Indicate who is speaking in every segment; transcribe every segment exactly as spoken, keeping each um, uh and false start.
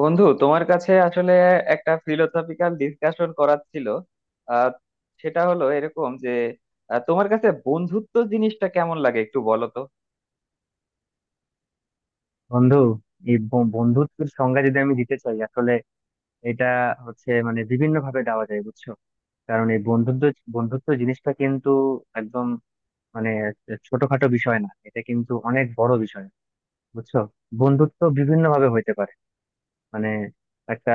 Speaker 1: বন্ধু, তোমার কাছে আসলে একটা ফিলোসফিক্যাল ডিসকাশন করার ছিল। আহ সেটা হলো এরকম যে আহ, তোমার কাছে বন্ধুত্ব জিনিসটা কেমন লাগে একটু বলো তো।
Speaker 2: বন্ধু, এই ব- বন্ধুত্বের সংজ্ঞা যদি আমি দিতে চাই আসলে এটা হচ্ছে মানে বিভিন্ন ভাবে দেওয়া যায়, বুঝছো? কারণ এই বন্ধুত্ব বন্ধুত্ব জিনিসটা কিন্তু একদম মানে ছোটখাটো বিষয় না, এটা কিন্তু অনেক বড় বিষয়, বুঝছো। বন্ধুত্ব বিভিন্ন ভাবে হইতে পারে। মানে একটা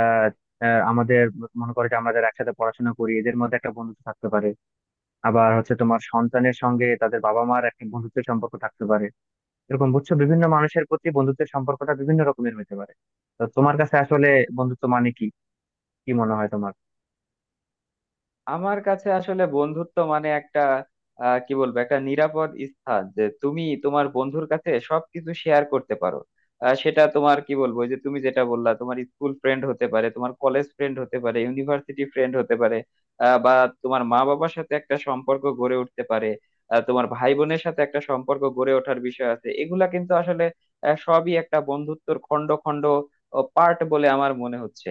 Speaker 2: আহ, আমাদের, মনে করো যে আমাদের একসাথে পড়াশোনা করি, এদের মধ্যে একটা বন্ধুত্ব থাকতে পারে। আবার হচ্ছে তোমার সন্তানের সঙ্গে তাদের বাবা মার একটা বন্ধুত্বের সম্পর্ক থাকতে পারে। এরকম বুঝছো, বিভিন্ন মানুষের প্রতি বন্ধুত্বের সম্পর্কটা বিভিন্ন রকমের হতে পারে। তো তোমার কাছে আসলে বন্ধুত্ব মানে কি, কি মনে হয় তোমার?
Speaker 1: আমার কাছে আসলে বন্ধুত্ব মানে একটা আহ, কি বলবো একটা নিরাপদ স্থান, যে তুমি তোমার বন্ধুর কাছে সবকিছু শেয়ার করতে পারো। আহ, সেটা তোমার, কি বলবো ওই যে তুমি যেটা বললা, তোমার স্কুল ফ্রেন্ড হতে পারে, তোমার কলেজ ফ্রেন্ড হতে পারে, ইউনিভার্সিটি ফ্রেন্ড হতে পারে, আহ, বা তোমার মা বাবার সাথে একটা সম্পর্ক গড়ে উঠতে পারে। আহ, তোমার ভাই বোনের সাথে একটা সম্পর্ক গড়ে ওঠার বিষয় আছে। এগুলা কিন্তু আসলে আহ, সবই একটা বন্ধুত্বর খণ্ড খণ্ড পার্ট বলে আমার মনে হচ্ছে।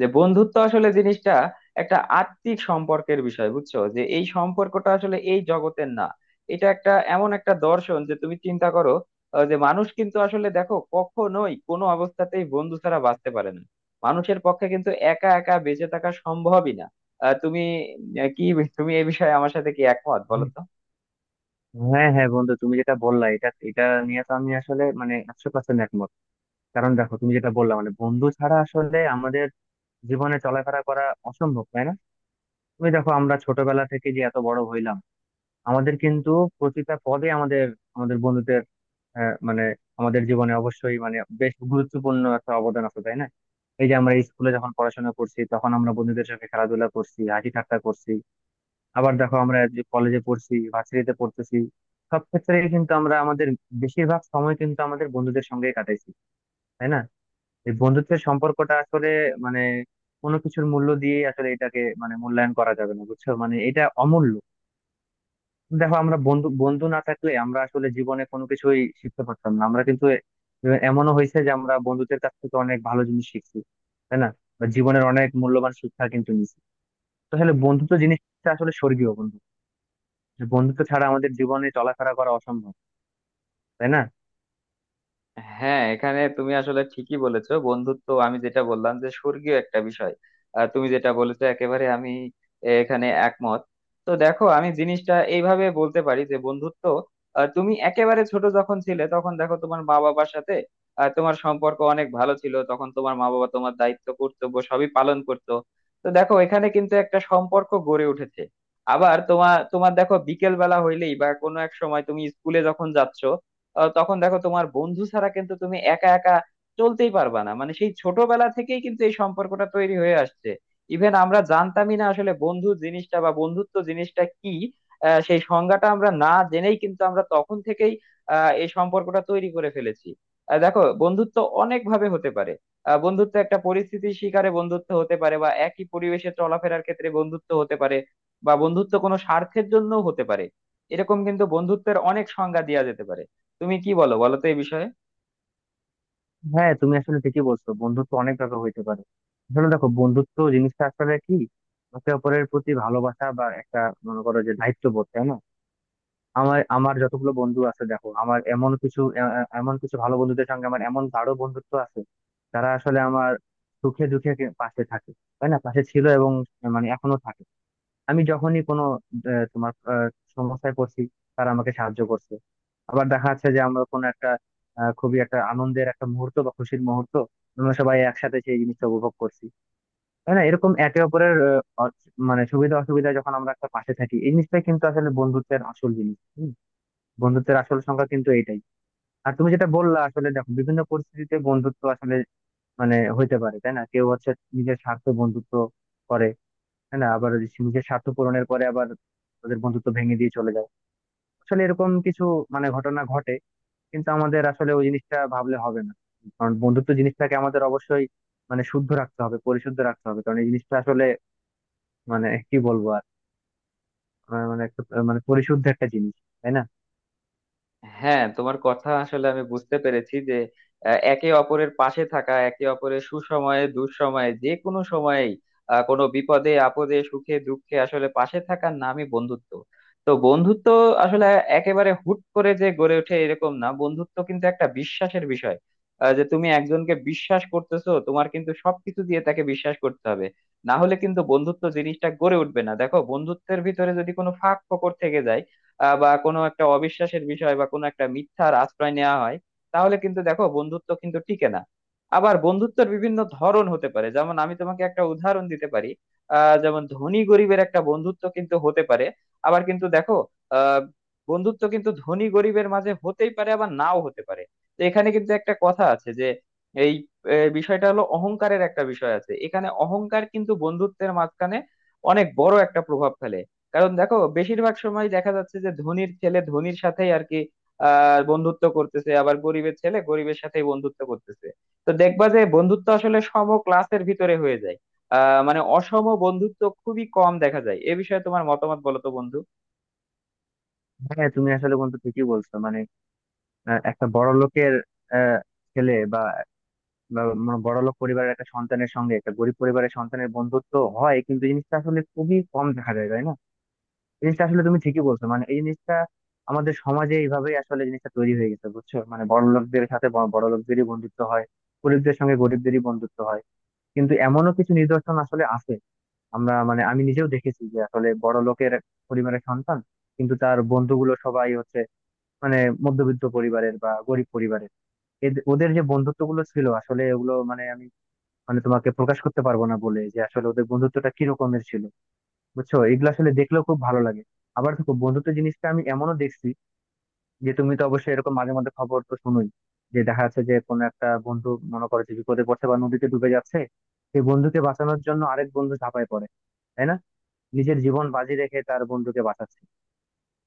Speaker 1: যে বন্ধুত্ব আসলে জিনিসটা একটা আত্মিক সম্পর্কের বিষয়, বুঝছো, যে এই সম্পর্কটা আসলে এই জগতের না। এটা একটা এমন একটা দর্শন যে তুমি চিন্তা করো, আহ, যে মানুষ কিন্তু আসলে দেখো কখনোই কোনো অবস্থাতেই বন্ধু ছাড়া বাঁচতে পারে না। মানুষের পক্ষে কিন্তু একা একা বেঁচে থাকা সম্ভবই না। আহ, তুমি আহ, কি তুমি এই বিষয়ে আমার সাথে কি একমত বলো
Speaker 2: হুম।
Speaker 1: তো।
Speaker 2: হ্যাঁ, হ্যাঁ, বন্ধু তুমি যেটা বললা এটা এটা নিয়ে তো আমি আসলে মানে একশো পার্সেন্ট একমত। কারণ দেখো, তুমি যেটা বললা মানে বন্ধু ছাড়া আসলে আমাদের জীবনে চলাফেরা করা অসম্ভব, তাই না? তুমি দেখো আমরা ছোটবেলা থেকে যে এত বড় হইলাম, আমাদের কিন্তু প্রতিটা পদে আমাদের আমাদের বন্ধুদের আহ, মানে আমাদের জীবনে অবশ্যই মানে বেশ গুরুত্বপূর্ণ একটা অবদান আছে, তাই না? এই যে আমরা স্কুলে যখন পড়াশোনা করছি তখন আমরা বন্ধুদের সঙ্গে খেলাধুলা করছি, হাসি ঠাট্টা করছি। আবার দেখো আমরা যে কলেজে পড়ছি, ভার্সিটিতে পড়তেছি, সব ক্ষেত্রে কিন্তু আমরা আমাদের বেশিরভাগ সময় কিন্তু আমাদের বন্ধুদের সঙ্গেই কাটাইছি, তাই না? এই বন্ধুত্বের সম্পর্কটা আসলে মানে কোনো কিছুর মূল্য দিয়ে আসলে এটাকে মানে মূল্যায়ন করা যাবে না, বুঝছো, মানে এটা অমূল্য। দেখো, আমরা বন্ধু বন্ধু না থাকলে আমরা আসলে জীবনে কোনো কিছুই শিখতে পারতাম না। আমরা কিন্তু এ- এমনও হয়েছে যে আমরা বন্ধুদের কাছ থেকে অনেক ভালো জিনিস শিখছি, তাই না? বা জীবনের অনেক মূল্যবান শিক্ষা কিন্তু নিয়েছি। তো আসলে বন্ধুত্ব জিনিসটা আসলে স্বর্গীয় বন্ধু, যে বন্ধুত্ব ছাড়া আমাদের জীবনে চলাফেরা করা অসম্ভব, তাই না?
Speaker 1: হ্যাঁ, এখানে তুমি আসলে ঠিকই বলেছো, বন্ধুত্ব আমি যেটা বললাম যে স্বর্গীয় একটা বিষয়। আর তুমি যেটা বলেছো একেবারে, আমি এখানে একমত। তো দেখো, আমি জিনিসটা এইভাবে বলতে পারি যে বন্ধুত্ব, আহ, তুমি একেবারে ছোট যখন ছিলে তখন দেখো তোমার মা বাবার সাথে আহ, তোমার সম্পর্ক অনেক ভালো ছিল, তখন তোমার মা বাবা তোমার দায়িত্ব কর্তব্য সবই পালন করতো। তো দেখো, এখানে কিন্তু একটা সম্পর্ক গড়ে উঠেছে। আবার তোমার তোমার দেখো, বিকেল বেলা হইলেই বা কোনো এক সময় তুমি স্কুলে যখন যাচ্ছ আহ তখন দেখো তোমার বন্ধু ছাড়া কিন্তু তুমি একা একা চলতেই পারবা না। মানে সেই ছোটবেলা থেকেই কিন্তু এই সম্পর্কটা তৈরি হয়ে আসছে। ইভেন আমরা জানতামই না আসলে বন্ধু জিনিসটা বা বন্ধুত্ব জিনিসটা কি। আহ, সেই সংজ্ঞাটা আমরা না জেনেই কিন্তু আমরা তখন থেকেই আহ, এই সম্পর্কটা তৈরি করে ফেলেছি। আহ, দেখো, বন্ধুত্ব অনেক ভাবে হতে পারে। আহ, বন্ধুত্ব একটা পরিস্থিতির শিকারে বন্ধুত্ব হতে পারে, বা একই পরিবেশে চলাফেরার ক্ষেত্রে বন্ধুত্ব হতে পারে, বা বন্ধুত্ব কোনো স্বার্থের জন্য হতে পারে। এরকম কিন্তু বন্ধুত্বের অনেক সংজ্ঞা দেওয়া যেতে পারে। তুমি কি বলো বলো তো এই বিষয়ে।
Speaker 2: হ্যাঁ, তুমি আসলে ঠিকই বলছো, বন্ধুত্ব অনেক ভাবে হইতে পারে। আসলে দেখো বন্ধুত্ব জিনিসটা আসলে কি, একে অপরের প্রতি ভালোবাসা বা একটা, মনে করো যে দায়িত্ববোধ, তাই না? আমার আমার যতগুলো বন্ধু আছে, দেখো আমার এমন কিছু এ- এ- এমন কিছু ভালো বন্ধুদের সঙ্গে আমার এমন গাঢ় বন্ধুত্ব আছে। তারা আসলে আমার সুখে দুঃখে কে- পাশে থাকে, তাই না, পাশে ছিল এবং মানে এখনো থাকে। আমি যখনই কোনো আহ, তোমার আহ, সমস্যায় পড়ছি, তারা আমাকে সাহায্য করছে। আবার দেখা যাচ্ছে যে আমরা কোনো একটা আহ, খুবই একটা আনন্দের একটা মুহূর্ত বা খুশির মুহূর্ত, আমরা সবাই একসাথে সেই জিনিসটা উপভোগ করছি, তাই না? এরকম একে অপরের আহ, অ- মানে সুবিধা অসুবিধা যখন আমরা একটা পাশে থাকি, এই জিনিসটাই কিন্তু আসলে বন্ধুত্বের আসল জিনিস, বন্ধুত্বের আসল সংখ্যা কিন্তু এইটাই। আর তুমি যেটা বললা আসলে দেখো বিভিন্ন পরিস্থিতিতে বন্ধুত্ব আসলে মানে হইতে পারে, তাই না? কেউ হচ্ছে নিজের স্বার্থ বন্ধুত্ব করে, তাই না, আবার সে নিজের স্বার্থ পূরণের পরে আবার তাদের বন্ধুত্ব ভেঙে দিয়ে চলে যায়। আসলে এরকম কিছু মানে ঘটনা ঘটে, কিন্তু আমাদের আসলে ওই জিনিসটা ভাবলে হবে না, কারণ বন্ধুত্ব জিনিসটাকে আমাদের অবশ্যই মানে শুদ্ধ রাখতে হবে, পরিশুদ্ধ রাখতে হবে। কারণ এই জিনিসটা আসলে মানে কি বলবো আর, মানে একটা মানে পরিশুদ্ধ একটা জিনিস, তাই না?
Speaker 1: হ্যাঁ, তোমার কথা আসলে আমি বুঝতে পেরেছি যে আহ, একে অপরের পাশে থাকা, একে অপরের সুসময়ে দুঃসময়ে যে কোনো সময়েই আহ, কোনো বিপদে আপদে সুখে দুঃখে আসলে পাশে থাকার নামই বন্ধুত্ব। তো বন্ধুত্ব আসলে একেবারে হুট করে যে গড়ে ওঠে এরকম না, বন্ধুত্ব কিন্তু একটা বিশ্বাসের বিষয়। আহ, যে তুমি একজনকে বিশ্বাস করতেছো, তোমার কিন্তু সবকিছু দিয়ে তাকে বিশ্বাস করতে হবে। না হলে কিন্তু বন্ধুত্ব জিনিসটা গড়ে উঠবে না। দেখো, বন্ধুত্বের ভিতরে যদি কোনো ফাঁক ফোকর থেকে যায় আহ, বা কোনো একটা অবিশ্বাসের বিষয় বা কোনো একটা মিথ্যার আশ্রয় নেওয়া হয়, তাহলে কিন্তু দেখো বন্ধুত্ব কিন্তু টিকে না। আবার বন্ধুত্বের বিভিন্ন ধরন হতে পারে, যেমন আমি তোমাকে একটা উদাহরণ দিতে পারি। আহ যেমন ধনী গরিবের একটা বন্ধুত্ব কিন্তু হতে পারে। আবার কিন্তু দেখো আহ বন্ধুত্ব কিন্তু ধনী গরিবের মাঝে হতেই পারে আবার নাও হতে পারে। তো এখানে কিন্তু একটা কথা আছে যে, এই আহ, বিষয়টা হলো অহংকারের একটা বিষয় আছে এখানে। অহংকার কিন্তু বন্ধুত্বের মাঝখানে অনেক বড় একটা প্রভাব ফেলে। কারণ দেখো, বেশিরভাগ সময় দেখা যাচ্ছে যে ধনীর ছেলে ধনীর সাথেই আর কি আহ বন্ধুত্ব করতেছে, আবার গরিবের ছেলে গরিবের সাথেই বন্ধুত্ব করতেছে। তো দেখবা যে বন্ধুত্ব আসলে সম ক্লাসের ভিতরে হয়ে যায়। আহ মানে অসম বন্ধুত্ব খুবই কম দেখা যায়। এ বিষয়ে তোমার মতামত বলো তো বন্ধু।
Speaker 2: হ্যাঁ, তুমি আসলে বন্ধু ঠিকই বলছো মানে আহ, একটা বড় লোকের আহ, ছেলে বা বা মানে বড় লোক পরিবারের একটা সন্তানের সঙ্গে একটা গরিব পরিবারের সন্তানের বন্ধুত্ব হয় কিন্তু জিনিসটা আসলে খুবই কম দেখা যায়, তাই না? এই জিনিসটা আসলে তুমি ঠিকই বলছো, মানে এই জিনিসটা আমাদের সমাজে এইভাবেই আসলে জিনিসটা তৈরি হয়ে গেছে, বুঝছো, মানে বড় লোকদের সাথে ব- বড় লোকদেরই বন্ধুত্ব হয়, গরিবদের সঙ্গে গরিবদেরই বন্ধুত্ব হয়। কিন্তু এমনও কিছু নিদর্শন আসলে আছে, আমরা মানে আমি নিজেও দেখেছি যে আসলে বড় লোকের পরিবারের সন্তান কিন্তু তার বন্ধুগুলো সবাই হচ্ছে মানে মধ্যবিত্ত পরিবারের বা গরিব পরিবারের। এদ- ওদের যে বন্ধুত্ব গুলো ছিল আসলে, ওগুলো মানে আমি মানে তোমাকে প্রকাশ করতে পারবো না বলে যে আসলে ওদের বন্ধুত্বটা কি রকমের ছিল, বুঝছো, এগুলো আসলে দেখলেও খুব ভালো লাগে। আবার দেখো বন্ধুত্ব জিনিসটা আমি এমনও দেখছি, যে তুমি তো অবশ্যই এরকম মাঝে মধ্যে খবর তো শুনোই, যে দেখা যাচ্ছে যে কোনো একটা বন্ধু, মনে করো যে বিপদে পড়ছে বা নদীতে ডুবে যাচ্ছে, সেই বন্ধুকে বাঁচানোর জন্য আরেক বন্ধু ঝাঁপায় পড়ে, তাই না? নিজের জীবন বাজি রেখে তার বন্ধুকে বাঁচাচ্ছে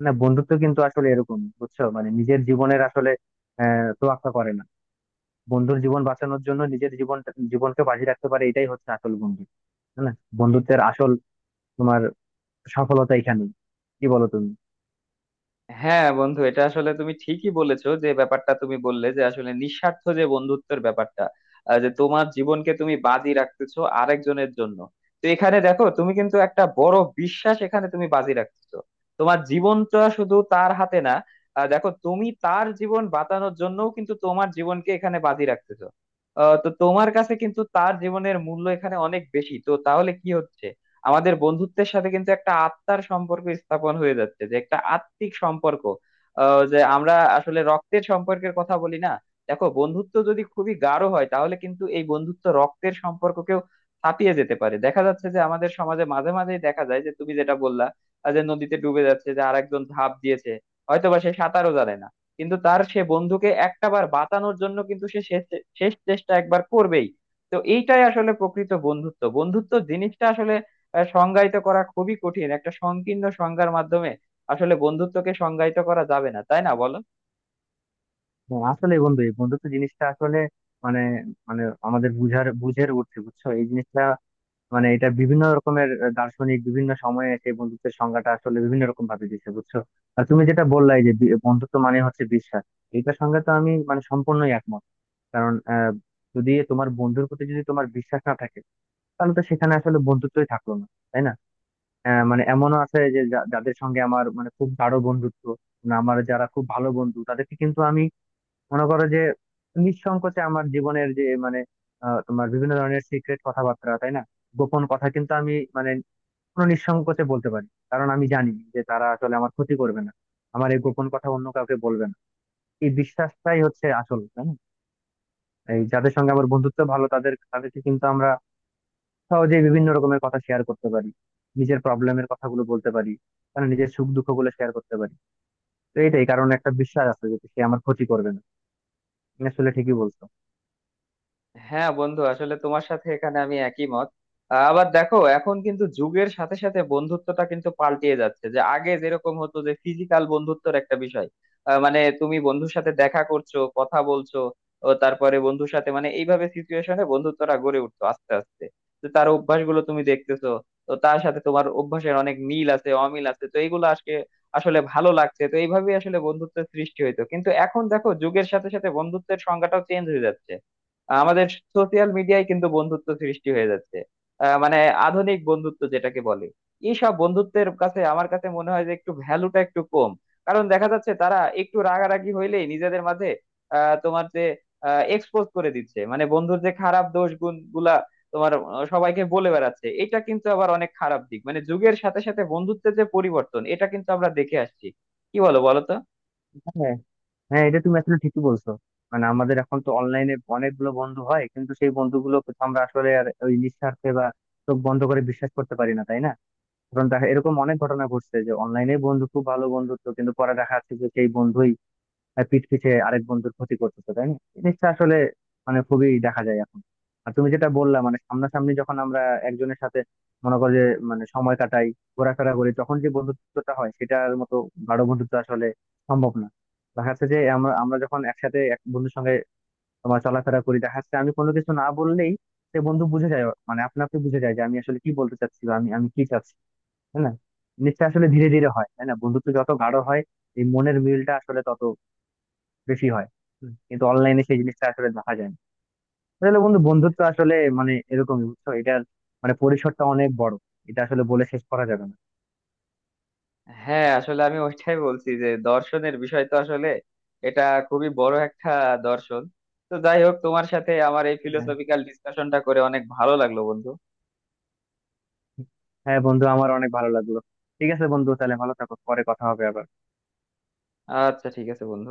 Speaker 2: না? বন্ধুত্ব কিন্তু আসলে এরকম, বুঝছো, মানে নিজের জীবনের আসলে আহ তোয়াক্কা করে না, বন্ধুর জীবন বাঁচানোর জন্য নিজের জীবন জীবনকে বাজি রাখতে পারে, এটাই হচ্ছে আসল বন্ধু, তাই না? বন্ধুত্বের আসল তোমার সফলতা এখানেই, কি বলো তুমি?
Speaker 1: হ্যাঁ বন্ধু, এটা আসলে তুমি ঠিকই বলেছো, যে ব্যাপারটা তুমি বললে যে আসলে নিঃস্বার্থ যে বন্ধুত্বের ব্যাপারটা, আহ, যে তোমার জীবনকে তুমি বাজি রাখতেছো আরেকজনের জন্য। তো এখানে দেখো, তুমি কিন্তু একটা বড় বিশ্বাস এখানে তুমি বাজি রাখতেছো। তোমার জীবনটা শুধু তার হাতে না, আহ, দেখো তুমি তার জীবন বাঁচানোর জন্যও কিন্তু তোমার জীবনকে এখানে বাজি রাখতেছো। আহ, তো তোমার কাছে কিন্তু তার জীবনের মূল্য এখানে অনেক বেশি। তো তাহলে কি হচ্ছে, আমাদের বন্ধুত্বের সাথে কিন্তু একটা আত্মার সম্পর্ক স্থাপন হয়ে যাচ্ছে, যে একটা আত্মিক সম্পর্ক। আহ, যে আমরা আসলে রক্তের সম্পর্কের কথা বলি না। দেখো বন্ধুত্ব যদি খুবই গাঢ় হয়, তাহলে কিন্তু এই বন্ধুত্ব রক্তের সম্পর্ককেও ছাপিয়ে যেতে পারে। দেখা যাচ্ছে যে আমাদের সমাজে মাঝে মাঝেই দেখা যায়, যে তুমি যেটা বললা আহ, যে নদীতে ডুবে যাচ্ছে, যে আরেকজন ঝাঁপ দিয়েছে। হয়তো বা সে সাঁতারও জানে না, কিন্তু তার সে বন্ধুকে একটা বার বাঁচানোর জন্য কিন্তু সে শেষ শেষ চেষ্টা একবার করবেই। তো এইটাই আসলে প্রকৃত বন্ধুত্ব। বন্ধুত্ব জিনিসটা আসলে আহ, সংজ্ঞায়িত করা খুবই কঠিন একটা সংকীর্ণ সংজ্ঞার মাধ্যমে। আসলে বন্ধুত্বকে সংজ্ঞায়িত করা যাবে না, তাই না বলো।
Speaker 2: হ্যাঁ, আসলে বন্ধু এই বন্ধুত্ব জিনিসটা আসলে মানে মানে আমাদের বুঝার বুঝের উঠছে, বুঝছো এই জিনিসটা, মানে এটা বিভিন্ন রকমের আহ, দার্শনিক বিভিন্ন সময়ে এসে এই বন্ধুত্বের সংজ্ঞাটা আসলে বিভিন্ন রকম ভাবে দিচ্ছে, বুঝছো। আর তুমি যেটা বললাই যে বি- বন্ধুত্ব মানে হচ্ছে বিশ্বাস, এইটার সঙ্গে তো আমি মানে সম্পূর্ণই একমত। কারণ আহ যদি তোমার বন্ধুর প্রতি যদি তোমার বিশ্বাস না থাকে, তাহলে তো সেখানে আসলে বন্ধুত্বই থাকলো না, তাই না? আহ, মানে এমনও আছে যে যা- যাদের সঙ্গে আমার মানে খুব গাঢ় বন্ধুত্ব, মানে আমার যারা খুব ভালো বন্ধু, তাদেরকে কিন্তু আমি, মনে করো যে নিঃসংকোচে আমার জীবনের যে মানে আহ, তোমার বিভিন্ন ধরনের সিক্রেট কথাবার্তা, তাই না, গোপন কথা কিন্তু আমি মানে কোনো নিঃসংকোচে বলতে পারি, কারণ আমি জানি যে তারা আসলে আমার ক্ষতি করবে না, আমার এই গোপন কথা অন্য কাউকে বলবে না। এই বিশ্বাসটাই হচ্ছে আসল, তাই না? এই যাদের সঙ্গে আমার বন্ধুত্ব ভালো তাদের তাদেরকে কিন্তু আমরা সহজেই বিভিন্ন রকমের কথা শেয়ার করতে পারি, নিজের প্রবলেমের কথাগুলো বলতে পারি, মানে নিজের সুখ দুঃখ গুলো শেয়ার করতে পারি। তো এইটাই, কারণ একটা বিশ্বাস আছে যে সে আমার ক্ষতি করবে না। তুমি আসলে ঠিকই বলছো।
Speaker 1: হ্যাঁ বন্ধু, আসলে তোমার সাথে এখানে আমি একই মত। আহ, আবার দেখো, এখন কিন্তু যুগের সাথে সাথে বন্ধুত্বটা কিন্তু পাল্টিয়ে যাচ্ছে। যে আগে যেরকম হতো যে ফিজিক্যাল বন্ধুত্বর একটা বিষয়, আহ, মানে তুমি বন্ধুর সাথে দেখা করছো, কথা বলছো, ও তারপরে বন্ধুর সাথে মানে এইভাবে সিচুয়েশনে বন্ধুত্বটা গড়ে উঠতো আস্তে আস্তে। তো তার অভ্যাসগুলো তুমি দেখতেছো, তো তার সাথে তোমার অভ্যাসের অনেক মিল আছে, অমিল আছে, তো এইগুলো আজকে আসলে ভালো লাগছে। তো এইভাবেই আসলে বন্ধুত্বের সৃষ্টি হইতো, কিন্তু এখন দেখো যুগের সাথে সাথে বন্ধুত্বের সংজ্ঞাটাও চেঞ্জ হয়ে যাচ্ছে। আমাদের সোশিয়াল মিডিয়ায় কিন্তু বন্ধুত্ব সৃষ্টি হয়ে যাচ্ছে। আহ, মানে আধুনিক বন্ধুত্ব যেটাকে বলে, এইসব বন্ধুত্বের কাছে আমার কাছে মনে হয় যে একটু ভ্যালুটা একটু কম। কারণ দেখা যাচ্ছে তারা একটু রাগারাগি হইলেই নিজেদের মাঝে আহ, তোমার যে এক্সপোজ করে দিচ্ছে, মানে বন্ধুর যে খারাপ দোষ গুণ গুলা তোমার আহ, সবাইকে বলে বেড়াচ্ছে। এটা কিন্তু আবার অনেক খারাপ দিক, মানে যুগের সাথে সাথে বন্ধুত্বের যে পরিবর্তন এটা কিন্তু আমরা দেখে আসছি। কি বলো বলো তো।
Speaker 2: হ্যাঁ, হ্যাঁ, এটা তুমি আসলে ঠিকই বলছো, মানে আমাদের এখন তো অনলাইনে অনেকগুলো বন্ধু হয় কিন্তু সেই বন্ধুগুলো তো আমরা আসলে আর ওই নিঃস্বার্থে বা চোখ বন্ধ করে বিশ্বাস করতে পারি না, তাই না? কারণ দেখা এরকম অনেক ঘটনা ঘটছে যে অনলাইনে বন্ধু, খুব ভালো বন্ধুত্ব, কিন্তু পরে দেখা যাচ্ছে যে সেই বন্ধুই আহ পিঠ পিছে আরেক বন্ধুর ক্ষতি করতেছে, তাই না? এই জিনিসটা আসলে মানে খুবই দেখা যায় এখন। আর তুমি যেটা বললা মানে সামনাসামনি যখন আমরা একজনের সাথে, মনে করো যে মানে সময় কাটাই, ঘোরাফেরা করি, তখন যে বন্ধুত্বটা হয় সেটার মতো গাঢ় বন্ধুত্ব আসলে সম্ভব না। দেখা যাচ্ছে যে আমরা আমরা যখন একসাথে এক বন্ধুর সঙ্গে তোমার চলাফেরা করি, দেখা যাচ্ছে আমি কোনো কিছু না বললেই সে বন্ধু বুঝে যায়, মানে আপনা আপনি বুঝে যায় যে আমি আসলে কি বলতে চাচ্ছি বা আমি আমি কি চাচ্ছি, তাই না? জিনিসটা আসলে ধীরে ধীরে হয়, তাই না, বন্ধুত্ব যত গাঢ় হয় এই মনের মিলটা আসলে তত বেশি হয়। হুম। কিন্তু অনলাইনে সেই জিনিসটা আসলে দেখা যায় না। আসলে বন্ধু বন্ধুত্ব আসলে মানে এরকমই, বুঝছো, এটার মানে পরিসরটা অনেক বড়, এটা আসলে বলে শেষ করা যাবে না।
Speaker 1: হ্যাঁ আসলে আমি ওইটাই বলছি, যে দর্শনের বিষয় তো আসলে এটা খুবই বড় একটা দর্শন। তো যাই হোক, তোমার সাথে আমার এই
Speaker 2: হ্যাঁ,
Speaker 1: ফিলোসফিক্যাল ডিসকাশনটা করে অনেক ভালো লাগলো বন্ধু।
Speaker 2: হ্যাঁ, বন্ধু আমার অনেক ভালো লাগলো। ঠিক আছে বন্ধু, তাহলে ভালো থাকো, পরে কথা হবে আবার।
Speaker 1: আচ্ছা ঠিক আছে বন্ধু।